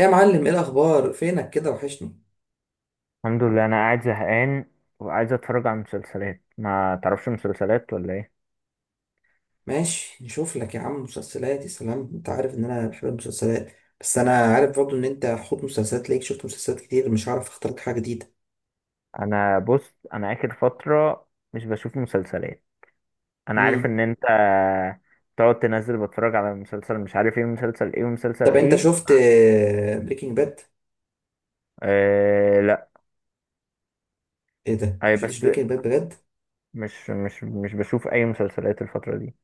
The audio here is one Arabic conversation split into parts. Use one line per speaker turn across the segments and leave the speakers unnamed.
يا معلم ايه الاخبار؟ فينك كده، وحشني.
الحمد لله. انا قاعد زهقان وعايز اتفرج على مسلسلات. ما تعرفش مسلسلات ولا ايه؟
ماشي، نشوف لك يا عم مسلسلات. يا سلام، انت عارف ان انا بحب المسلسلات، بس انا عارف برضه ان انت حوت مسلسلات، ليك شفت مسلسلات كتير، مش عارف اختار لك حاجه جديده.
انا بص انا اخر فتره مش بشوف مسلسلات. انا عارف
امم
ان انت تقعد تنزل بتفرج على مسلسل مش عارف ايه، مسلسل ايه ومسلسل
طب انت
ايه.
شفت بريكنج باد؟
آه، لا.
ايه ده،
اي بس
شفتش بريكنج باد بجد؟
مش بشوف اي مسلسلات الفتره دي.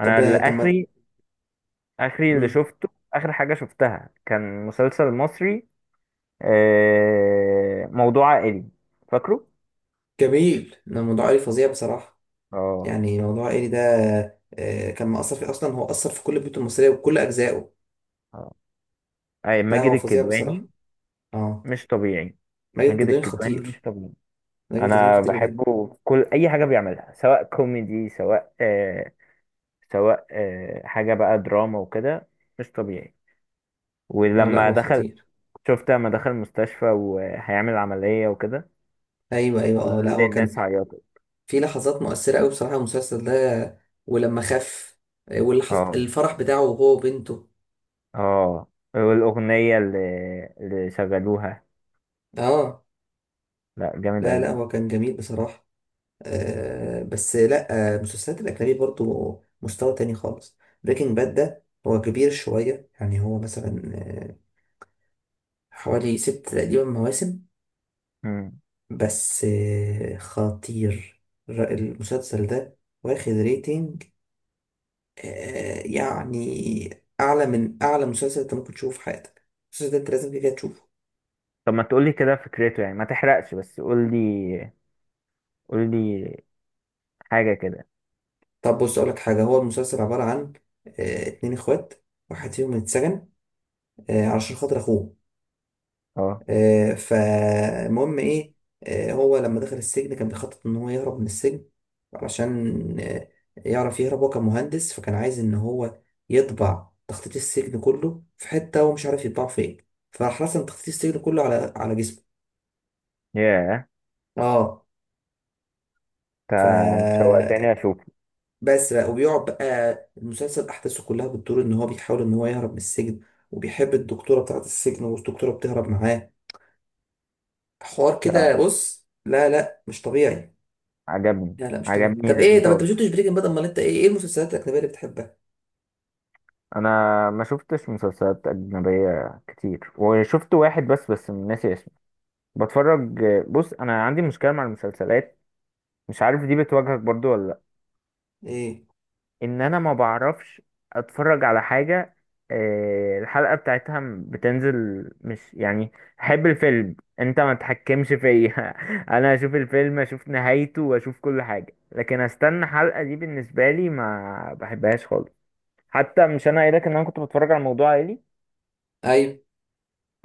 انا
طب
اللي
طب ما
اخري، اللي
امم
شفته، اخر حاجه شفتها كان مسلسل مصري. آه، موضوع عائلي. فاكره؟
جميل، ده موضوع عائلي فظيع بصراحه.
اه،
يعني موضوع عائلي ده، كان مأثر في، اصلا هو أثر في كل البيوت المصريه وكل اجزائه.
آه. اي،
ده
ماجد
هو فظيع بصراحه.
الكدواني
اه.
مش طبيعي.
ماجد
ماجد
الكدواني
الكدواني
خطير.
مش طبيعي.
ماجد الكدواني
انا
خطير بجد.
بحبه في كل اي حاجه بيعملها، سواء كوميدي، سواء حاجه بقى دراما وكده. مش طبيعي.
اه لا
ولما
هو
دخل
خطير.
شفت لما دخل المستشفى وهيعمل عمليه وكده،
ايوه ايوه، اه لا
كل
هو
الناس
كان
عيطت.
في لحظات مؤثره قوي بصراحه المسلسل ده. ولما خف واللحظات
اه،
الفرح بتاعه وهو وبنته.
اه، والاغنيه اللي شغلوها،
اه.
لا، جامد
لا
قوي.
لا هو كان جميل بصراحه. آه بس لا آه، المسلسلات الاجنبيه برضو مستوى تاني خالص. بريكنج باد ده هو كبير شويه، يعني هو مثلا حوالي ست تقريبا مواسم.
مم.
بس خطير. المسلسل ده واخد ريتنج يعني اعلى من اعلى مسلسل انت ممكن تشوفه في حياتك. المسلسل ده انت لازم كده كده تشوفه.
طب ما تقولي كده فكرته، يعني ما تحرقش، بس قولي حاجه كده.
طب بص اقولك حاجه، هو المسلسل عباره عن اتنين اخوات. واحد فيهم اتسجن علشان خاطر اخوه.
اه.
فالمهم ايه، هو لما دخل السجن كان بيخطط ان هو يهرب من السجن. علشان يعرف يهرب، هو كان مهندس فكان عايز ان هو يطبع تخطيط السجن كله في حته، هو مش عارف يطبعه فين، فراح رسم تخطيط السجن كله على جسمه.
ياه،
اه.
انت
ف
انت شوقتني اشوفه.
بس بقى، وبيقعد بقى المسلسل احداثه كلها بتدور ان هو بيحاول ان هو يهرب من السجن، وبيحب الدكتوره بتاعت السجن والدكتوره بتهرب معاه، حوار
لا.
كده. بص لا لا مش طبيعي.
عجبني.
لا لا مش طبيعي.
عجبني
طب
اللي
ايه؟
انت
طب انت ما
قلته.
شفتش بريكنج باد، امال انت ايه؟ ايه المسلسلات الاجنبيه اللي بتحبها؟
انا ما شفتش مسلسلات اجنبيه كتير، وشفت واحد بس ناسي اسمه. بتفرج. بص، انا عندي مشكله مع المسلسلات. مش عارف دي بتواجهك برضو ولا لأ.
ايه؟
ان انا ما بعرفش اتفرج على حاجة. الحلقة بتاعتها بتنزل. مش يعني احب الفيلم انت ما تحكمش فيا. انا اشوف الفيلم، اشوف نهايته واشوف كل حاجة، لكن استنى حلقة دي بالنسبة لي ما بحبهاش خالص. حتى مش انا قايل لك ان انا كنت بتفرج على موضوع عائلي،
ايوه،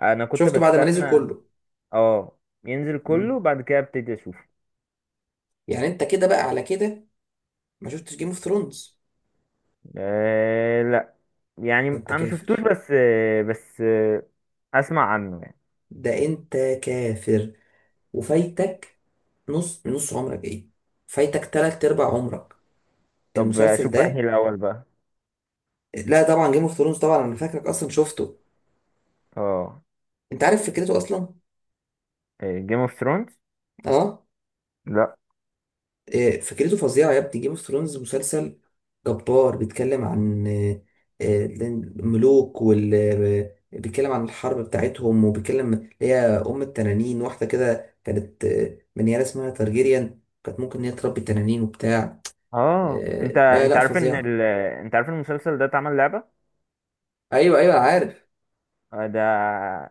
انا كنت
شفته بعد ما نزل
بستنى،
كله.
اه، ينزل كله
مم.
وبعد كده ابتدي اشوفه.
يعني انت كده بقى، على كده ما شفتش جيم اوف ثرونز؟
أه، لا، يعني
ده انت
انا ما شفتوش،
كافر.
بس، بس آه، اسمع عنه يعني.
ده انت كافر وفايتك نص من نص عمرك، ايه، فايتك تلات ارباع عمرك
طب
المسلسل
اشوف انهي
ده.
الاول بقى؟
لا طبعا جيم اوف ثرونز، طبعا انا فاكرك اصلا شفته.
اه.
انت عارف فكرته اصلا؟
جيم اوف ثرونز.
اه.
لا.
فكرته فظيعه يا ابني. جيم اوف ثرونز مسلسل جبار، بيتكلم عن الملوك وال بيتكلم عن الحرب بتاعتهم، وبيتكلم هي ام التنانين، واحده كده كانت منيره، اسمها تارجيريان، كانت ممكن ان هي تربي تنانين وبتاع.
اه، انت
لا
انت
لا
عارف ان
فظيعه.
ال... انت عارف ان المسلسل ده اتعمل لعبة؟
ايوه ايوه عارف.
آه، ده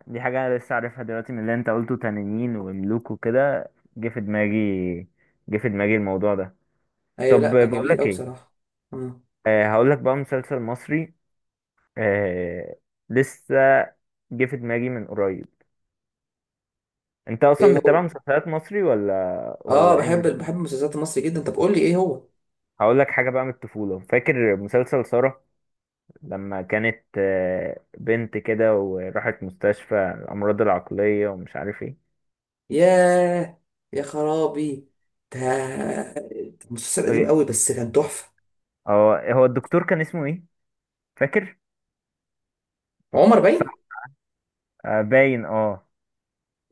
دي حاجة أنا لسه عارفها دلوقتي من اللي انت قلته، تنانين وملوك وكده. جه في دماغي جه في دماغي الموضوع ده.
ايوه،
طب
لا
بقول
جميل
لك
قوي
ايه.
بصراحه. آه.
آه، هقول لك بقى مسلسل مصري. آه، لسه جه في دماغي من قريب. انت اصلا
ايه
بتتابع
هو؟
مسلسلات مصري ولا
اه
ولا
بحب
انجلش؟
المسلسلات المصري جدا. طب قول لي، ايه هو؟
هقول لك حاجة بقى من الطفولة. فاكر مسلسل سارة؟ لما كانت بنت كده وراحت مستشفى الأمراض العقلية ومش عارف ايه.
ياه، يا خرابي، ده ده مسلسل قديم
أوكي.
قوي بس كان تحفة.
اه، هو الدكتور كان اسمه ايه؟ فاكر؟
عمر
صح.
باين.
آه، باين. اه.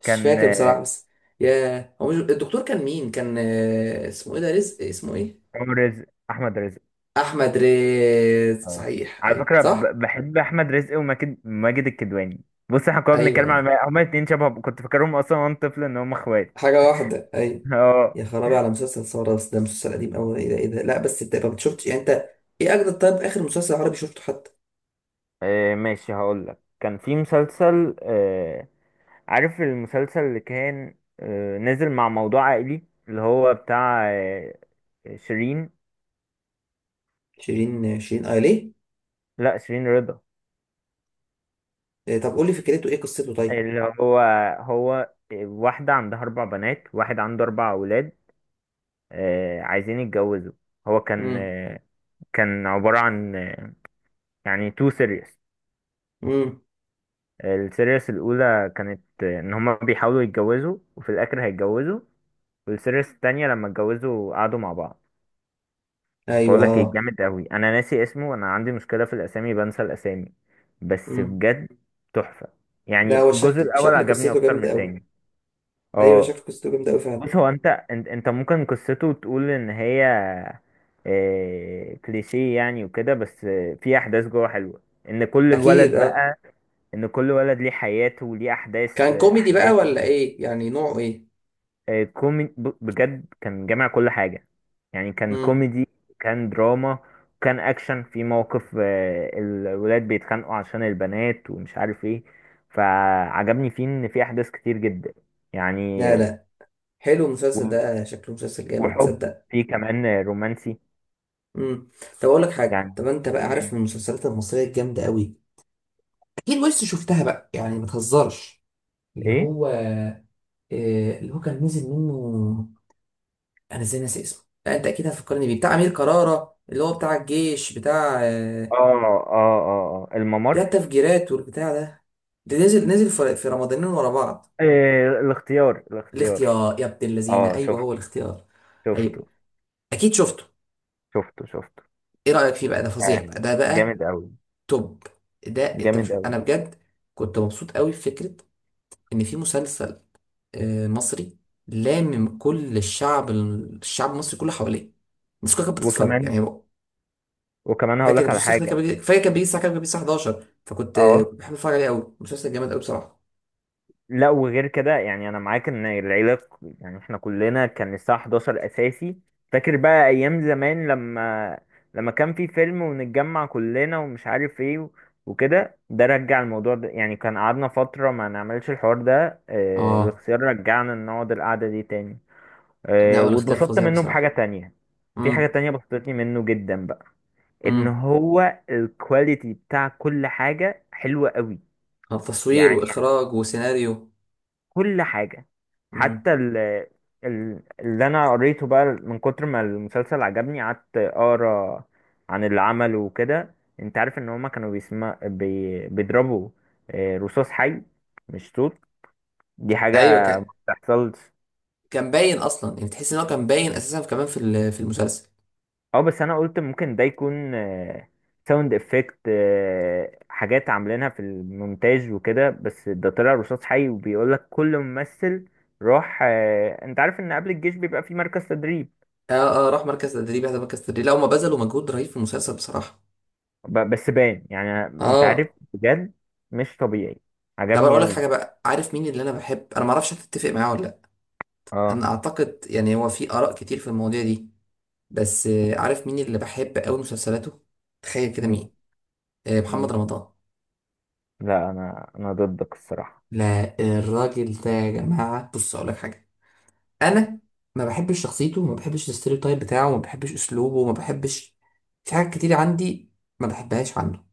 مش
كان
فاكر بصراحة بس، ياه، هو مش الدكتور كان مين، كان اسمه ايه، ده رزق، اسمه ايه،
هو رزق، أحمد رزق.
احمد رزق،
اه،
صحيح،
على
ايوه
فكرة
صح.
بحب أحمد رزق وماجد، ماجد الكدواني. بص، احنا كنا
ايوه،
بنتكلم على هما الاتنين شبه، كنت فاكرهم أصلا وأنا طفل إن هما اخوات.
حاجة واحدة، ايوه.
اه.
يا خرابي على مسلسل ثورة، بس ده مسلسل قديم قوي. ايه ده، ايه ده، لا بس انت ما شفتش يعني انت، ايه اجدد؟ طيب اخر مسلسل عربي شفته حتى؟
آه، ماشي هقولك كان في مسلسل. عارف المسلسل اللي كان نازل مع موضوع عائلي؟ اللي هو بتاع شيرين.
شيرين، شيرين، اه ليه؟
لا، شيرين رضا.
طب قول لي فكرته، ايه قصته طيب؟
اللي هو، هو واحدة عندها أربع بنات، واحد عنده أربع أولاد، عايزين يتجوزوا. هو كان
امم.
آه، كان عبارة عن يعني تو سيريس.
امم.
السيريس الأولى كانت إن هما بيحاولوا يتجوزوا وفي الآخر هيتجوزوا. والسيريس التانية لما اتجوزوا قعدوا مع بعض.
ايوه،
بقولك ايه،
اه.
جامد قوي. انا ناسي اسمه. انا عندي مشكله في الاسامي، بنسى الاسامي. بس
مم.
بجد تحفه. يعني
لا هو
الجزء
شكل،
الاول
شكل
عجبني
قصته
اكتر من
جامدة أوي.
التاني.
أيوه
اه.
شكل قصته جامدة أوي فعلا.
بص، هو انت ممكن قصته تقول ان هي كليشيه يعني وكده، بس في احداث جوه حلوه. ان كل
أكيد
ولد
أه.
بقى ان كل ولد ليه حياته وليه احداث
كان كوميدي بقى
احداث
ولا إيه؟ يعني نوعه إيه؟
بجد كان جامع كل حاجة. يعني كان
مم.
كوميدي، كان دراما، كان أكشن. في موقف الولاد بيتخانقوا عشان البنات ومش عارف ايه. فعجبني فيه إن في أحداث كتير جدا يعني.
لا لا، حلو
و-
المسلسل ده، شكله مسلسل جامد،
وحب
تصدق؟
فيه كمان رومانسي
مم. طب أقول لك حاجة،
يعني.
طب أنت بقى عارف
مم.
من المسلسلات المصرية الجامدة أوي، أكيد وش شفتها بقى يعني ما تهزرش، اللي
ايه؟
هو اللي هو كان نزل منه، أنا إزاي ناسي اسمه؟ لا أنت أكيد هتفكرني بيه، بتاع أمير كرارة، اللي هو بتاع الجيش، بتاع
اه،
ده
الممر.
التفجيرات والبتاع ده، ده نزل في رمضانين ورا بعض.
الاختيار، الاختيار.
الاختيار، يا ابن اللذينه،
اه.
ايوه هو
شفت.
الاختيار. ايوه
شفته
اكيد شفته.
شفته
ايه رايك فيه بقى؟ ده فظيع بقى،
يعني.
ده بقى
جامد أوي،
توب. ده انت مش
جامد أوي.
انا بجد كنت مبسوط قوي في فكره ان في مسلسل مصري، لامم كل الشعب، الشعب المصري كله حواليه، الناس كلها كانت بتتفرج.
وكمان
يعني هو
وكمان
فاكر
هقول
كان
لك على
المسلسل ده
حاجه.
كان فاكر كان بيجي الساعه كام؟ كان بيجي الساعه 11، فكنت
اه
كنت بحب اتفرج عليه قوي، مسلسل جامد قوي بصراحه.
لا، وغير كده. يعني انا معاك ان العيله يعني احنا كلنا كان الساعه 11 اساسي. فاكر بقى ايام زمان لما كان في فيلم ونتجمع كلنا ومش عارف ايه وكده. ده رجع الموضوع ده. يعني كان قعدنا فتره ما نعملش الحوار ده.
اه.
الاختيار رجعنا نقعد القعده دي تاني.
لا هو الاختيار
واتبسطت
فظيع
منه بحاجه
بصراحه.
تانية. في حاجه
امم.
تانية بسطتني منه جدا بقى. ان
امم.
هو الكواليتي بتاع كل حاجه حلوه قوي.
تصوير
يعني
واخراج وسيناريو.
كل حاجة.
امم.
حتى اللي انا قريته بقى من كتر ما المسلسل عجبني، قعدت اقرا عن اللي عمله وكده. انت عارف ان هما كانوا بيضربوا رصاص حي، مش صوت؟ دي
ايوه
حاجة
كان.
تحصلش.
كان باين اصلا، يعني تحس ان هو كان باين اساسا كمان في في المسلسل.
اه، بس انا قلت ممكن ده يكون ساوند افكت، حاجات عاملينها في المونتاج وكده، بس ده طلع رصاص حي. وبيقولك كل ممثل راح، انت عارف ان قبل الجيش بيبقى في مركز تدريب.
اه اه، راح مركز تدريب، هذا مركز تدريب. لا هما بذلوا مجهود رهيب في المسلسل بصراحه.
بس باين يعني. انت عارف،
اه.
بجد مش طبيعي.
طب انا
عجبني
اقول لك
قوي.
حاجه بقى، عارف مين اللي انا بحب؟ انا ما اعرفش هتتفق معاه ولا لا،
اه.
انا اعتقد، يعني هو في اراء كتير في المواضيع دي، بس عارف مين اللي بحب قوي مسلسلاته؟ تخيل كده
مين؟
مين؟ آه محمد
مين؟
رمضان.
لا، انا ضدك الصراحه.
لا، الراجل ده يا جماعه، بص اقول لك حاجه، انا ما بحبش شخصيته، ما بحبش الستيreotype بتاعه، ما بحبش اسلوبه، ما بحبش، في حاجات كتير عندي ما بحبهاش عنه،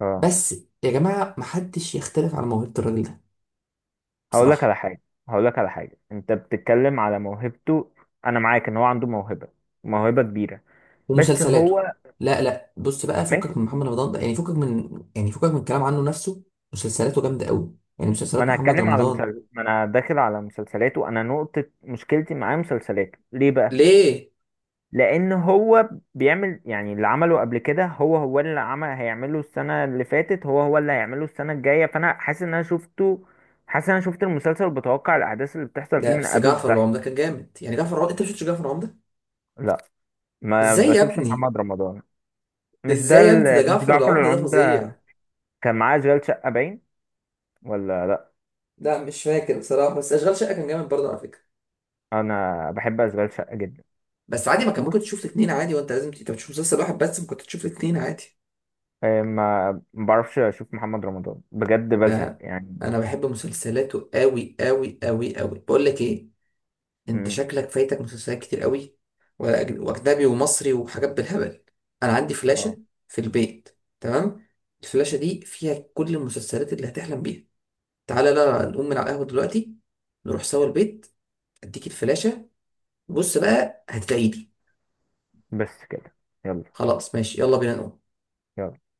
اه،
بس يا جماعه ما حدش يختلف على موهبه الراجل ده
هقول لك
بصراحه.
على حاجه. انت بتتكلم على موهبته. انا معاك ان هو عنده موهبه، موهبه كبيره. بس
ومسلسلاته،
هو.
لا لا بص بقى، فكك
ماشي.
من محمد رمضان ده يعني، فكك من، يعني فكك من الكلام عنه نفسه، مسلسلاته جامده قوي، يعني
ما
مسلسلات
انا
محمد
هتكلم على
رمضان.
مسلسل، ما انا داخل على مسلسلاته. انا نقطه مشكلتي معاه مسلسلاته، ليه بقى؟
ليه؟
لان هو بيعمل يعني، اللي عمله قبل كده هو اللي عمل، هيعمله السنه اللي فاتت، هو اللي هيعمله السنه الجايه. فانا حاسس ان انا شفته. حاسس ان انا شفت المسلسل، بتوقع الاحداث اللي بتحصل فيه
لا
من
بس
قبل ما
جعفر
تحصل.
العمده كان جامد، يعني جعفر العمده انت مش شفتش جعفر العمده؟
لا، ما
ازاي يا
بشوفش
ابني،
محمد رمضان. مش ده
ازاي يا ابني، ده
ال... مش
جعفر
جعفر
العمده ده
العمدة.
فظيع.
كان معاه اشغال شقه، باين ولا لا.
لا مش فاكر بصراحه بس اشغال شقه كان جامد برضه على فكره.
انا بحب اشغال شقه جدا.
بس عادي، ما كان
بص،
ممكن تشوف الاثنين عادي، وانت لازم انت مش مسلسل واحد بس، ممكن تشوف الاثنين عادي.
ما بعرفش اشوف محمد رمضان بجد، بزهق
ده
يعني.
انا بحب مسلسلاته قوي قوي قوي قوي. بقول لك ايه، انت
مم.
شكلك فايتك مسلسلات كتير قوي، واجنبي ومصري وحاجات بالهبل. انا عندي فلاشه
اه.
في البيت، تمام؟ الفلاشه دي فيها كل المسلسلات اللي هتحلم بيها. تعالى لا نقوم من على القهوه دلوقتي، نروح سوا البيت، اديك الفلاشه، بص بقى هتدعيلي.
بس كده. يلا،
خلاص ماشي، يلا بينا نقوم.
يلا.